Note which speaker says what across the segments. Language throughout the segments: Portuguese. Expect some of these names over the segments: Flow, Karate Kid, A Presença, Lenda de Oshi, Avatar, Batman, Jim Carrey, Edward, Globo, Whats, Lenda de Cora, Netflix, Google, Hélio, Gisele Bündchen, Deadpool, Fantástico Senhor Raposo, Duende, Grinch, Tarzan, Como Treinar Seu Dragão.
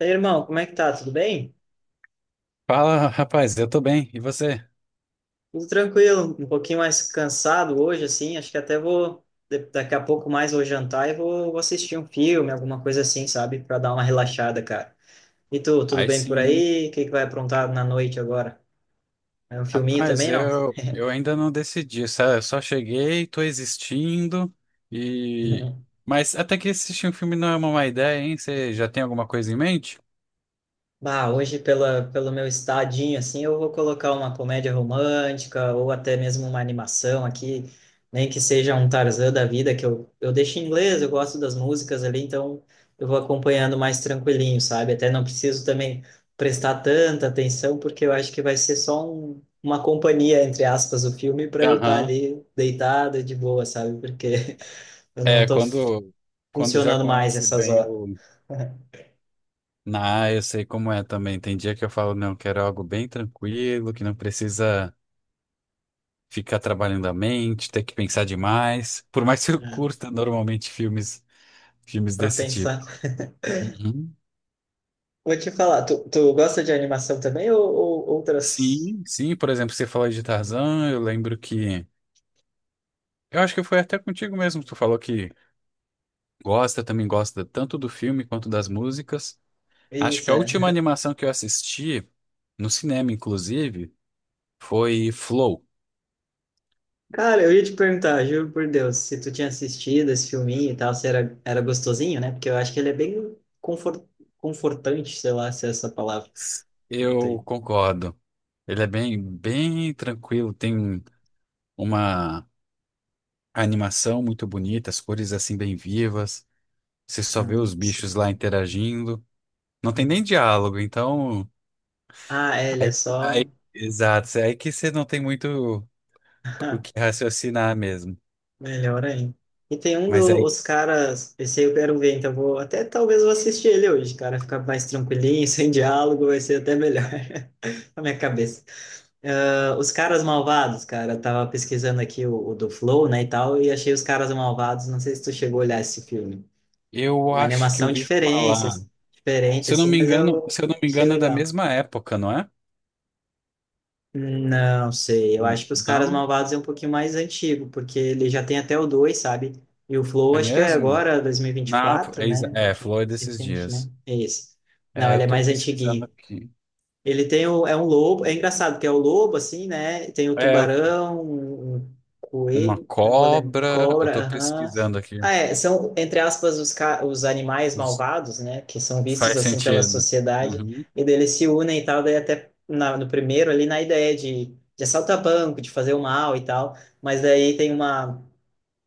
Speaker 1: E aí, irmão, como é que tá? Tudo bem?
Speaker 2: Fala, rapaz, eu tô bem. E você?
Speaker 1: Tudo tranquilo, um pouquinho mais cansado hoje, assim. Acho que até vou, daqui a pouco mais vou jantar e vou assistir um filme, alguma coisa assim, sabe? Pra dar uma relaxada, cara. E tu, tudo
Speaker 2: Aí
Speaker 1: bem por
Speaker 2: sim, hein?
Speaker 1: aí? O que que vai aprontar na noite agora? É um filminho
Speaker 2: Rapaz,
Speaker 1: também, não?
Speaker 2: eu ainda não decidi, sabe? Eu só cheguei, tô existindo e... Mas até que assistir um filme não é uma má ideia, hein? Você já tem alguma coisa em mente?
Speaker 1: Bah, hoje, pelo meu estadinho, assim, eu vou colocar uma comédia romântica ou até mesmo uma animação aqui, nem que seja um Tarzan da vida, que eu deixo em inglês, eu gosto das músicas ali, então eu vou acompanhando mais tranquilinho, sabe? Até não preciso também prestar tanta atenção, porque eu acho que vai ser só uma companhia, entre aspas, o filme, para eu estar
Speaker 2: Aham.
Speaker 1: ali deitado de boa, sabe? Porque eu não
Speaker 2: É,
Speaker 1: estou
Speaker 2: quando já
Speaker 1: funcionando mais
Speaker 2: conhece
Speaker 1: essas
Speaker 2: bem
Speaker 1: horas,
Speaker 2: o... Ah, eu sei como é também. Tem dia que eu falo, não, quero algo bem tranquilo, que não precisa ficar trabalhando a mente, ter que pensar demais. Por mais que eu
Speaker 1: né,
Speaker 2: curta normalmente filmes
Speaker 1: para
Speaker 2: desse
Speaker 1: pensar.
Speaker 2: tipo. Uhum.
Speaker 1: Vou te falar, tu gosta de animação também ou outras?
Speaker 2: Sim, sim, por exemplo, você falou de Tarzan, eu lembro que. Eu acho que foi até contigo mesmo, que tu falou que gosta, também gosta tanto do filme quanto das músicas. Acho
Speaker 1: Isso,
Speaker 2: que a última
Speaker 1: é.
Speaker 2: animação que eu assisti, no cinema inclusive, foi Flow.
Speaker 1: Cara, eu ia te perguntar, juro por Deus, se tu tinha assistido esse filminho e tal, se era gostosinho, né? Porque eu acho que ele é bem confortante, sei lá se é essa palavra. Não
Speaker 2: Eu
Speaker 1: tem.
Speaker 2: concordo. Ele é bem, bem tranquilo, tem uma animação muito bonita, as cores assim bem vivas. Você só
Speaker 1: Ah,
Speaker 2: vê os
Speaker 1: sim.
Speaker 2: bichos lá interagindo. Não tem nem
Speaker 1: Uhum.
Speaker 2: diálogo, então.
Speaker 1: Ah, é, ele é só.
Speaker 2: Exato, é aí que você não tem muito o que raciocinar mesmo.
Speaker 1: Melhor ainda. E tem um
Speaker 2: Mas aí,
Speaker 1: dos caras, esse aí eu quero ver, então eu vou até talvez eu vou assistir ele hoje, cara, ficar mais tranquilinho, sem diálogo, vai ser até melhor na minha cabeça. Ah, os caras malvados, cara, eu tava pesquisando aqui o do Flow, né, e tal, e achei os caras malvados. Não sei se tu chegou a olhar esse filme. É
Speaker 2: eu
Speaker 1: uma
Speaker 2: acho que eu
Speaker 1: animação
Speaker 2: ouvi
Speaker 1: diferente,
Speaker 2: falar,
Speaker 1: diferente
Speaker 2: se eu não
Speaker 1: assim,
Speaker 2: me
Speaker 1: mas
Speaker 2: engano,
Speaker 1: eu
Speaker 2: se eu não me
Speaker 1: achei
Speaker 2: engano, é da
Speaker 1: legal.
Speaker 2: mesma época, não é?
Speaker 1: Não sei, eu
Speaker 2: N-
Speaker 1: acho que os caras
Speaker 2: não,
Speaker 1: malvados é um pouquinho mais antigo, porque ele já tem até o dois, sabe? E o Flow
Speaker 2: é
Speaker 1: acho que é
Speaker 2: mesmo?
Speaker 1: agora dois mil e vinte e
Speaker 2: Na
Speaker 1: quatro,
Speaker 2: é,
Speaker 1: né?
Speaker 2: exa-
Speaker 1: Um
Speaker 2: é,
Speaker 1: pouquinho
Speaker 2: falou
Speaker 1: mais
Speaker 2: desses
Speaker 1: recente, né?
Speaker 2: dias.
Speaker 1: É isso. Não,
Speaker 2: É, eu
Speaker 1: ele é
Speaker 2: tô
Speaker 1: mais
Speaker 2: pesquisando
Speaker 1: antiguinho.
Speaker 2: aqui.
Speaker 1: Ele tem o, é um lobo, é engraçado que é o lobo assim, né? Tem o
Speaker 2: É, eu tô-
Speaker 1: tubarão, um
Speaker 2: uma
Speaker 1: coelho, não vou lembrar,
Speaker 2: cobra, eu
Speaker 1: cobra,
Speaker 2: tô
Speaker 1: aham.
Speaker 2: pesquisando aqui.
Speaker 1: Ah, é, são entre aspas os, os animais
Speaker 2: Os-
Speaker 1: malvados, né? Que são vistos
Speaker 2: faz
Speaker 1: assim pela
Speaker 2: sentido, né?
Speaker 1: sociedade
Speaker 2: Uhum.
Speaker 1: e daí eles se unem e tal, daí até no primeiro ali na ideia de assaltar banco, de fazer o mal e tal, mas daí tem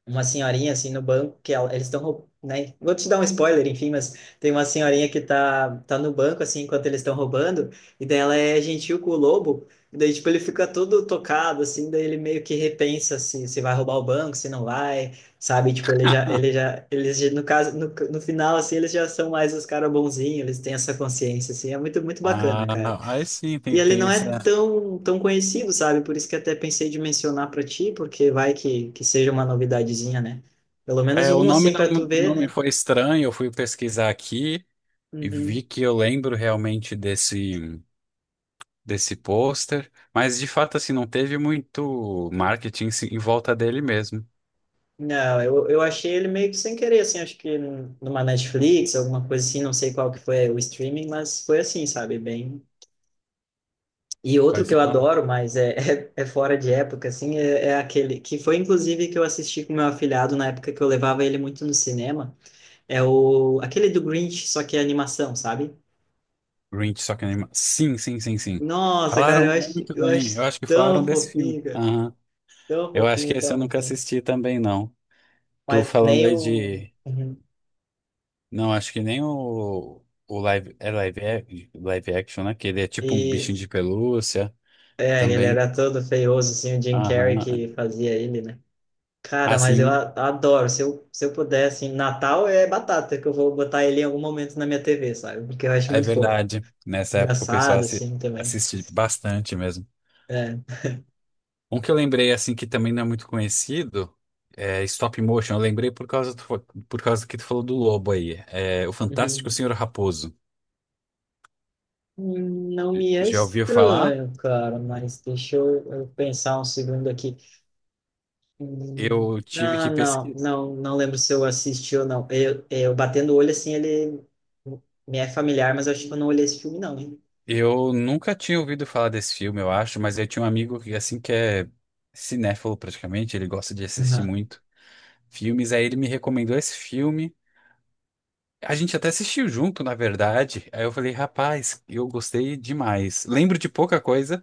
Speaker 1: uma senhorinha assim no banco que ela, eles estão, né? Vou te dar um spoiler, enfim, mas tem uma senhorinha que tá no banco assim enquanto eles estão roubando e daí ela é gentil com o lobo. E daí tipo ele fica todo tocado assim, daí ele meio que repensa se vai roubar o banco, se não vai, sabe? Tipo no caso no final assim eles já são mais os caras bonzinhos, eles têm essa consciência assim, é muito muito
Speaker 2: Ah,
Speaker 1: bacana, cara.
Speaker 2: não, aí sim,
Speaker 1: E
Speaker 2: tem,
Speaker 1: ele
Speaker 2: tem
Speaker 1: não
Speaker 2: esse.
Speaker 1: é tão, tão conhecido, sabe? Por isso que até pensei de mencionar para ti, porque vai que seja uma novidadezinha, né? Pelo menos
Speaker 2: É, o
Speaker 1: um,
Speaker 2: nome
Speaker 1: assim, para tu
Speaker 2: não,
Speaker 1: ver,
Speaker 2: não me
Speaker 1: né?
Speaker 2: foi estranho, eu fui pesquisar aqui. E
Speaker 1: Uhum.
Speaker 2: vi que eu lembro realmente desse pôster, mas de fato assim não teve muito marketing se- em volta dele mesmo.
Speaker 1: Não, eu achei ele meio que sem querer, assim, acho que numa Netflix, alguma coisa assim, não sei qual que foi é, o streaming, mas foi assim, sabe? Bem. E outro que
Speaker 2: Parece-
Speaker 1: eu
Speaker 2: oh,
Speaker 1: adoro, mas é, é fora de época, assim, é aquele que foi inclusive que eu assisti com meu afilhado na época que eu levava ele muito no cinema, é o aquele do Grinch, só que é animação, sabe?
Speaker 2: Grinch, só que anima. Sim, sim, sim, sim.
Speaker 1: Nossa, cara,
Speaker 2: Falaram muito
Speaker 1: eu
Speaker 2: bem. Eu
Speaker 1: acho
Speaker 2: acho que falaram
Speaker 1: tão
Speaker 2: desse filme.
Speaker 1: fofinho, cara.
Speaker 2: Aham.
Speaker 1: Tão
Speaker 2: Eu acho que
Speaker 1: fofinho,
Speaker 2: esse
Speaker 1: tão
Speaker 2: eu nunca
Speaker 1: fofinho.
Speaker 2: assisti também não. Tô
Speaker 1: Mas
Speaker 2: falando
Speaker 1: nem
Speaker 2: aí
Speaker 1: o.
Speaker 2: de
Speaker 1: Uhum.
Speaker 2: não, acho que nem o o live é live ac- live action, né? Que ele é tipo um
Speaker 1: E
Speaker 2: bichinho de pelúcia
Speaker 1: é, ele
Speaker 2: também.
Speaker 1: era todo feioso, assim, o Jim Carrey
Speaker 2: Aham.
Speaker 1: que fazia ele, né? Cara, mas eu
Speaker 2: Assim,
Speaker 1: adoro. Se eu puder, assim, Natal é batata, que eu vou botar ele em algum momento na minha TV, sabe? Porque eu acho
Speaker 2: é
Speaker 1: muito fofo.
Speaker 2: verdade. Nessa época o pessoal
Speaker 1: Engraçado,
Speaker 2: assi-
Speaker 1: assim, também.
Speaker 2: assiste bastante mesmo.
Speaker 1: É.
Speaker 2: Um que eu lembrei, assim, que também não é muito conhecido, é Stop Motion. Eu lembrei por do- por causa que tu falou do lobo aí. É, o Fantástico
Speaker 1: Uhum.
Speaker 2: Senhor Raposo.
Speaker 1: Não me é
Speaker 2: Já ouviu falar?
Speaker 1: estranho, cara, mas deixa eu pensar um segundo aqui. Hum,
Speaker 2: Eu tive
Speaker 1: Ah,
Speaker 2: que pesquisar.
Speaker 1: não lembro se eu assisti ou não. Eu batendo o olho assim, ele me é familiar, mas eu acho que eu não olhei esse filme, não, hein?
Speaker 2: Eu nunca tinha ouvido falar desse filme, eu acho, mas eu tinha um amigo que, assim, que é cinéfilo praticamente, ele gosta de assistir
Speaker 1: Aham,
Speaker 2: muito filmes, aí ele me recomendou esse filme. A gente até assistiu junto, na verdade. Aí eu falei, rapaz, eu gostei demais. Lembro de pouca coisa.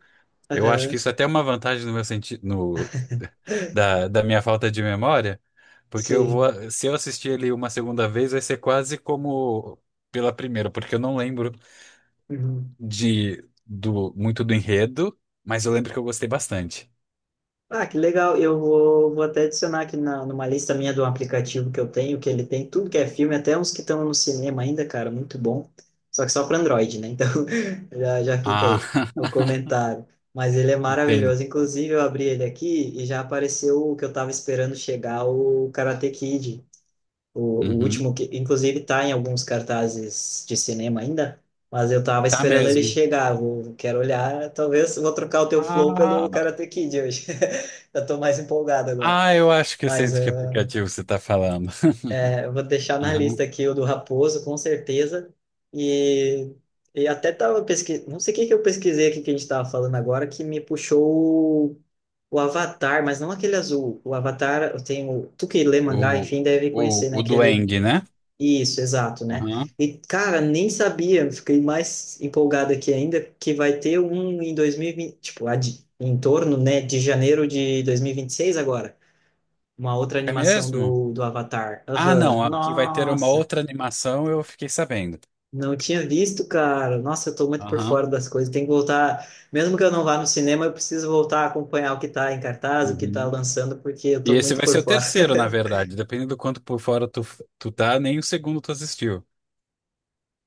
Speaker 2: Eu acho que
Speaker 1: aham,
Speaker 2: isso até é uma vantagem no meu sentido, no, da minha falta de memória, porque eu
Speaker 1: sim.
Speaker 2: vou, se eu assistir ele uma segunda vez, vai ser quase como pela primeira, porque eu não lembro
Speaker 1: Uhum.
Speaker 2: de do muito do enredo, mas eu lembro que eu gostei bastante.
Speaker 1: Ah, que legal. Vou até adicionar aqui numa lista minha do aplicativo que eu tenho, que ele tem tudo que é filme, até uns que estão no cinema ainda, cara, muito bom. Só que só para Android, né? Então já fica
Speaker 2: Ah,
Speaker 1: aí o comentário. Mas ele é
Speaker 2: entendi.
Speaker 1: maravilhoso. Inclusive, eu abri ele aqui e já apareceu o que eu estava esperando chegar, o Karate Kid. O, o
Speaker 2: Uhum.
Speaker 1: último que, inclusive, tá em alguns cartazes de cinema ainda, mas eu tava
Speaker 2: Tá
Speaker 1: esperando ele
Speaker 2: mesmo.
Speaker 1: chegar. Vou, quero olhar, talvez vou trocar o teu flow pelo
Speaker 2: Ah,
Speaker 1: Karate Kid hoje. Eu tô mais empolgado agora.
Speaker 2: ah, eu acho que eu sei
Speaker 1: Mas
Speaker 2: de que aplicativo você tá falando.
Speaker 1: eu vou deixar na lista aqui o do Raposo, com certeza. E, e até tava pesquisando, não sei o que que eu pesquisei aqui que a gente tava falando agora, que me puxou o Avatar, mas não aquele azul. O Avatar, eu tenho. Tu que lê mangá,
Speaker 2: O,
Speaker 1: enfim, deve conhecer, né?
Speaker 2: o
Speaker 1: Aquele
Speaker 2: Duende, né?
Speaker 1: isso, exato, né?
Speaker 2: Aham.
Speaker 1: E, cara, nem sabia, fiquei mais empolgado aqui ainda, que vai ter um em 2020, tipo, em torno, né, de janeiro de 2026 agora, uma outra
Speaker 2: É
Speaker 1: animação
Speaker 2: mesmo?
Speaker 1: do Avatar.
Speaker 2: Ah,
Speaker 1: Aham,
Speaker 2: não. Aqui vai ter uma
Speaker 1: nossa,
Speaker 2: outra animação, eu fiquei sabendo.
Speaker 1: não tinha visto, cara. Nossa, eu tô muito por
Speaker 2: Aham.
Speaker 1: fora das coisas, tem que voltar, mesmo que eu não vá no cinema, eu preciso voltar a acompanhar o que tá em cartaz, o que tá
Speaker 2: Uhum.
Speaker 1: lançando, porque eu
Speaker 2: E
Speaker 1: tô
Speaker 2: esse
Speaker 1: muito
Speaker 2: vai ser
Speaker 1: por
Speaker 2: o
Speaker 1: fora.
Speaker 2: terceiro, na verdade. Dependendo do quanto por fora tu tá, nem o segundo tu assistiu.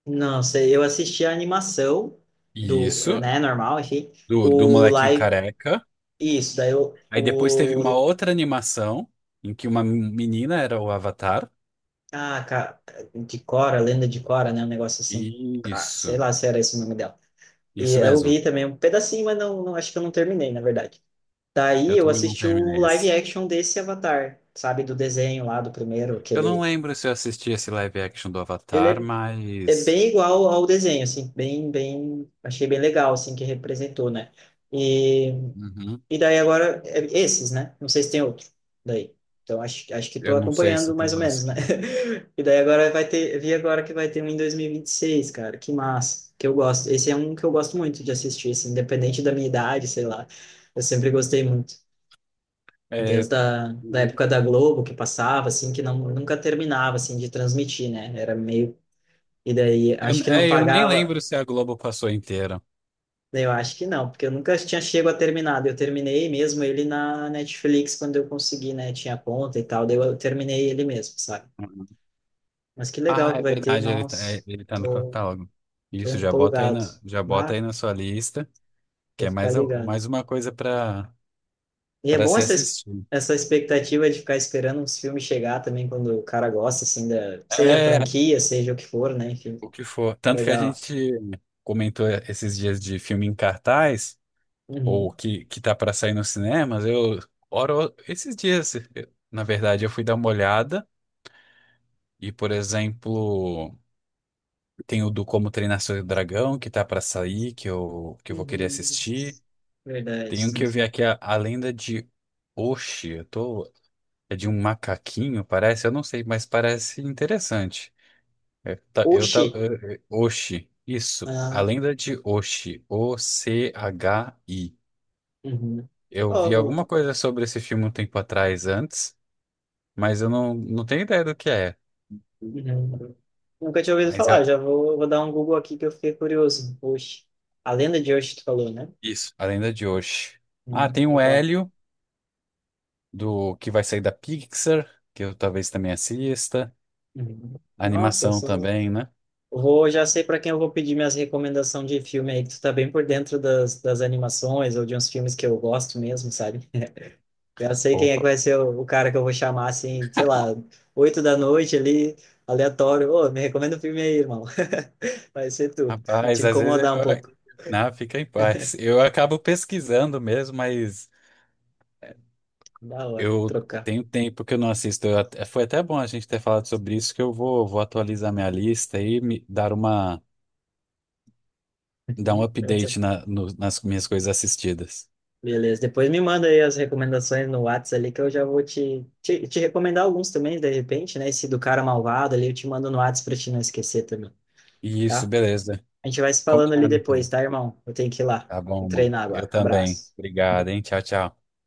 Speaker 1: Não sei, eu assisti a animação
Speaker 2: E
Speaker 1: do,
Speaker 2: isso,
Speaker 1: né, normal, enfim,
Speaker 2: do, do
Speaker 1: o
Speaker 2: molequinho
Speaker 1: live
Speaker 2: careca.
Speaker 1: isso, daí
Speaker 2: Aí depois teve uma
Speaker 1: o
Speaker 2: outra animação em que uma menina era o Avatar.
Speaker 1: ah, cara, de Cora, Lenda de Cora, né, um negócio assim.
Speaker 2: E
Speaker 1: Cara, sei
Speaker 2: isso,
Speaker 1: lá se era esse o nome dela. E
Speaker 2: isso
Speaker 1: eu
Speaker 2: mesmo.
Speaker 1: vi também um pedacinho, mas não, não acho que eu não terminei, na verdade. Daí
Speaker 2: Eu
Speaker 1: eu
Speaker 2: também não
Speaker 1: assisti o
Speaker 2: terminei
Speaker 1: live
Speaker 2: esse.
Speaker 1: action desse Avatar, sabe, do desenho lá do primeiro,
Speaker 2: Eu não
Speaker 1: aquele
Speaker 2: lembro se eu assisti esse live action do
Speaker 1: ele
Speaker 2: Avatar,
Speaker 1: é, é
Speaker 2: mas.
Speaker 1: bem igual ao desenho, assim, bem bem, achei bem legal assim que representou, né? E
Speaker 2: Uhum.
Speaker 1: e daí agora, é esses, né? Não sei se tem outro daí. Então, acho que
Speaker 2: Eu
Speaker 1: estou
Speaker 2: não sei se
Speaker 1: acompanhando
Speaker 2: tem
Speaker 1: mais ou
Speaker 2: mais
Speaker 1: menos, né?
Speaker 2: que.
Speaker 1: E daí agora vai ter, vi agora que vai ter um em 2026, cara. Que massa, que eu gosto. Esse é um que eu gosto muito de assistir, assim, independente da minha idade, sei lá. Eu sempre gostei muito.
Speaker 2: É,
Speaker 1: Desde a da época da Globo, que passava, assim, que não, nunca terminava, assim, de transmitir, né? Era meio... E daí, acho que não
Speaker 2: eu nem
Speaker 1: pagava...
Speaker 2: lembro se a Globo passou inteira.
Speaker 1: Eu acho que não, porque eu nunca tinha chego a terminar. Eu terminei mesmo ele na Netflix quando eu consegui, né? Tinha conta e tal, daí eu terminei ele mesmo, sabe? Mas que
Speaker 2: Ah,
Speaker 1: legal que
Speaker 2: é
Speaker 1: vai ter,
Speaker 2: verdade,
Speaker 1: nossa,
Speaker 2: ele tá no
Speaker 1: tô,
Speaker 2: catálogo.
Speaker 1: tô
Speaker 2: Isso, já bota aí
Speaker 1: empolgado.
Speaker 2: na, já bota
Speaker 1: Ah,
Speaker 2: aí na sua lista, que
Speaker 1: vou
Speaker 2: é
Speaker 1: ficar
Speaker 2: mais, a-
Speaker 1: ligado.
Speaker 2: mais uma coisa para
Speaker 1: E é
Speaker 2: para
Speaker 1: bom
Speaker 2: se
Speaker 1: essa,
Speaker 2: assistir.
Speaker 1: essa expectativa de ficar esperando uns filmes chegar também quando o cara gosta, assim, da, seja a
Speaker 2: É,
Speaker 1: franquia, seja o que for, né? Enfim,
Speaker 2: o que for.
Speaker 1: é
Speaker 2: Tanto que a
Speaker 1: legal.
Speaker 2: gente comentou esses dias de filme em cartaz, ou
Speaker 1: Uhum.
Speaker 2: que tá para sair nos cinemas, eu, ora, esses dias, eu- na verdade, eu fui dar uma olhada, e, por exemplo. Tem o do Como Treinar Seu Dragão, que tá pra sair, que eu vou querer
Speaker 1: Uhum.
Speaker 2: assistir.
Speaker 1: Verdade.
Speaker 2: Tem um
Speaker 1: Sim.
Speaker 2: que eu vi aqui, a Lenda de Oshi. Eu tô, é de um macaquinho, parece. Eu não sei, mas parece interessante. É, tá- eu tá,
Speaker 1: Oxi!
Speaker 2: é, é, Oshi, isso. A
Speaker 1: Ah,
Speaker 2: Lenda de Oshi. OCHI.
Speaker 1: uhum.
Speaker 2: Eu vi
Speaker 1: Oh,
Speaker 2: alguma coisa sobre esse filme um tempo atrás, antes, mas eu não, não tenho ideia do que é.
Speaker 1: uhum. Nunca tinha ouvido
Speaker 2: Mas é
Speaker 1: falar, vou dar um Google aqui que eu fiquei curioso. Oxe, a lenda de Oxe, tu falou, né?
Speaker 2: isso, A Lenda de Oshi. Ah,
Speaker 1: Uhum,
Speaker 2: tem o
Speaker 1: legal.
Speaker 2: Hélio. Do que vai sair da Pixar, que eu talvez também assista,
Speaker 1: Uhum. Nossa, eu
Speaker 2: animação
Speaker 1: sou...
Speaker 2: também, né?
Speaker 1: vou, já sei para quem eu vou pedir minhas recomendações de filme aí, que tu tá bem por dentro das, das animações ou de uns filmes que eu gosto mesmo, sabe? Eu sei quem é
Speaker 2: Opa,
Speaker 1: que vai ser o cara que eu vou chamar, assim, sei lá, 8 da noite ali, aleatório. Ô, me recomenda o filme aí, irmão. Vai ser tu. Vou te
Speaker 2: rapaz, às vezes eu...
Speaker 1: incomodar um pouco.
Speaker 2: Não, fica em paz. Eu acabo pesquisando mesmo, mas
Speaker 1: Da hora,
Speaker 2: eu
Speaker 1: trocar.
Speaker 2: tenho tempo que eu não assisto. Eu até- foi até bom a gente ter falado sobre isso, que eu vou, vou atualizar minha lista e me dar uma, dar um
Speaker 1: Uhum.
Speaker 2: update na- no- nas minhas coisas assistidas.
Speaker 1: Beleza, depois me manda aí as recomendações no Whats ali que eu já vou te recomendar alguns também, de repente, né? Esse do cara malvado ali eu te mando no Whats pra te não esquecer também,
Speaker 2: Isso,
Speaker 1: tá?
Speaker 2: beleza.
Speaker 1: A gente vai se falando ali
Speaker 2: Combinado,
Speaker 1: depois,
Speaker 2: então.
Speaker 1: tá, irmão? Eu tenho que ir lá.
Speaker 2: Tá
Speaker 1: Vou
Speaker 2: bom, mano.
Speaker 1: treinar
Speaker 2: Eu
Speaker 1: agora.
Speaker 2: também.
Speaker 1: Abraço.
Speaker 2: Obrigado, hein? Tchau, tchau.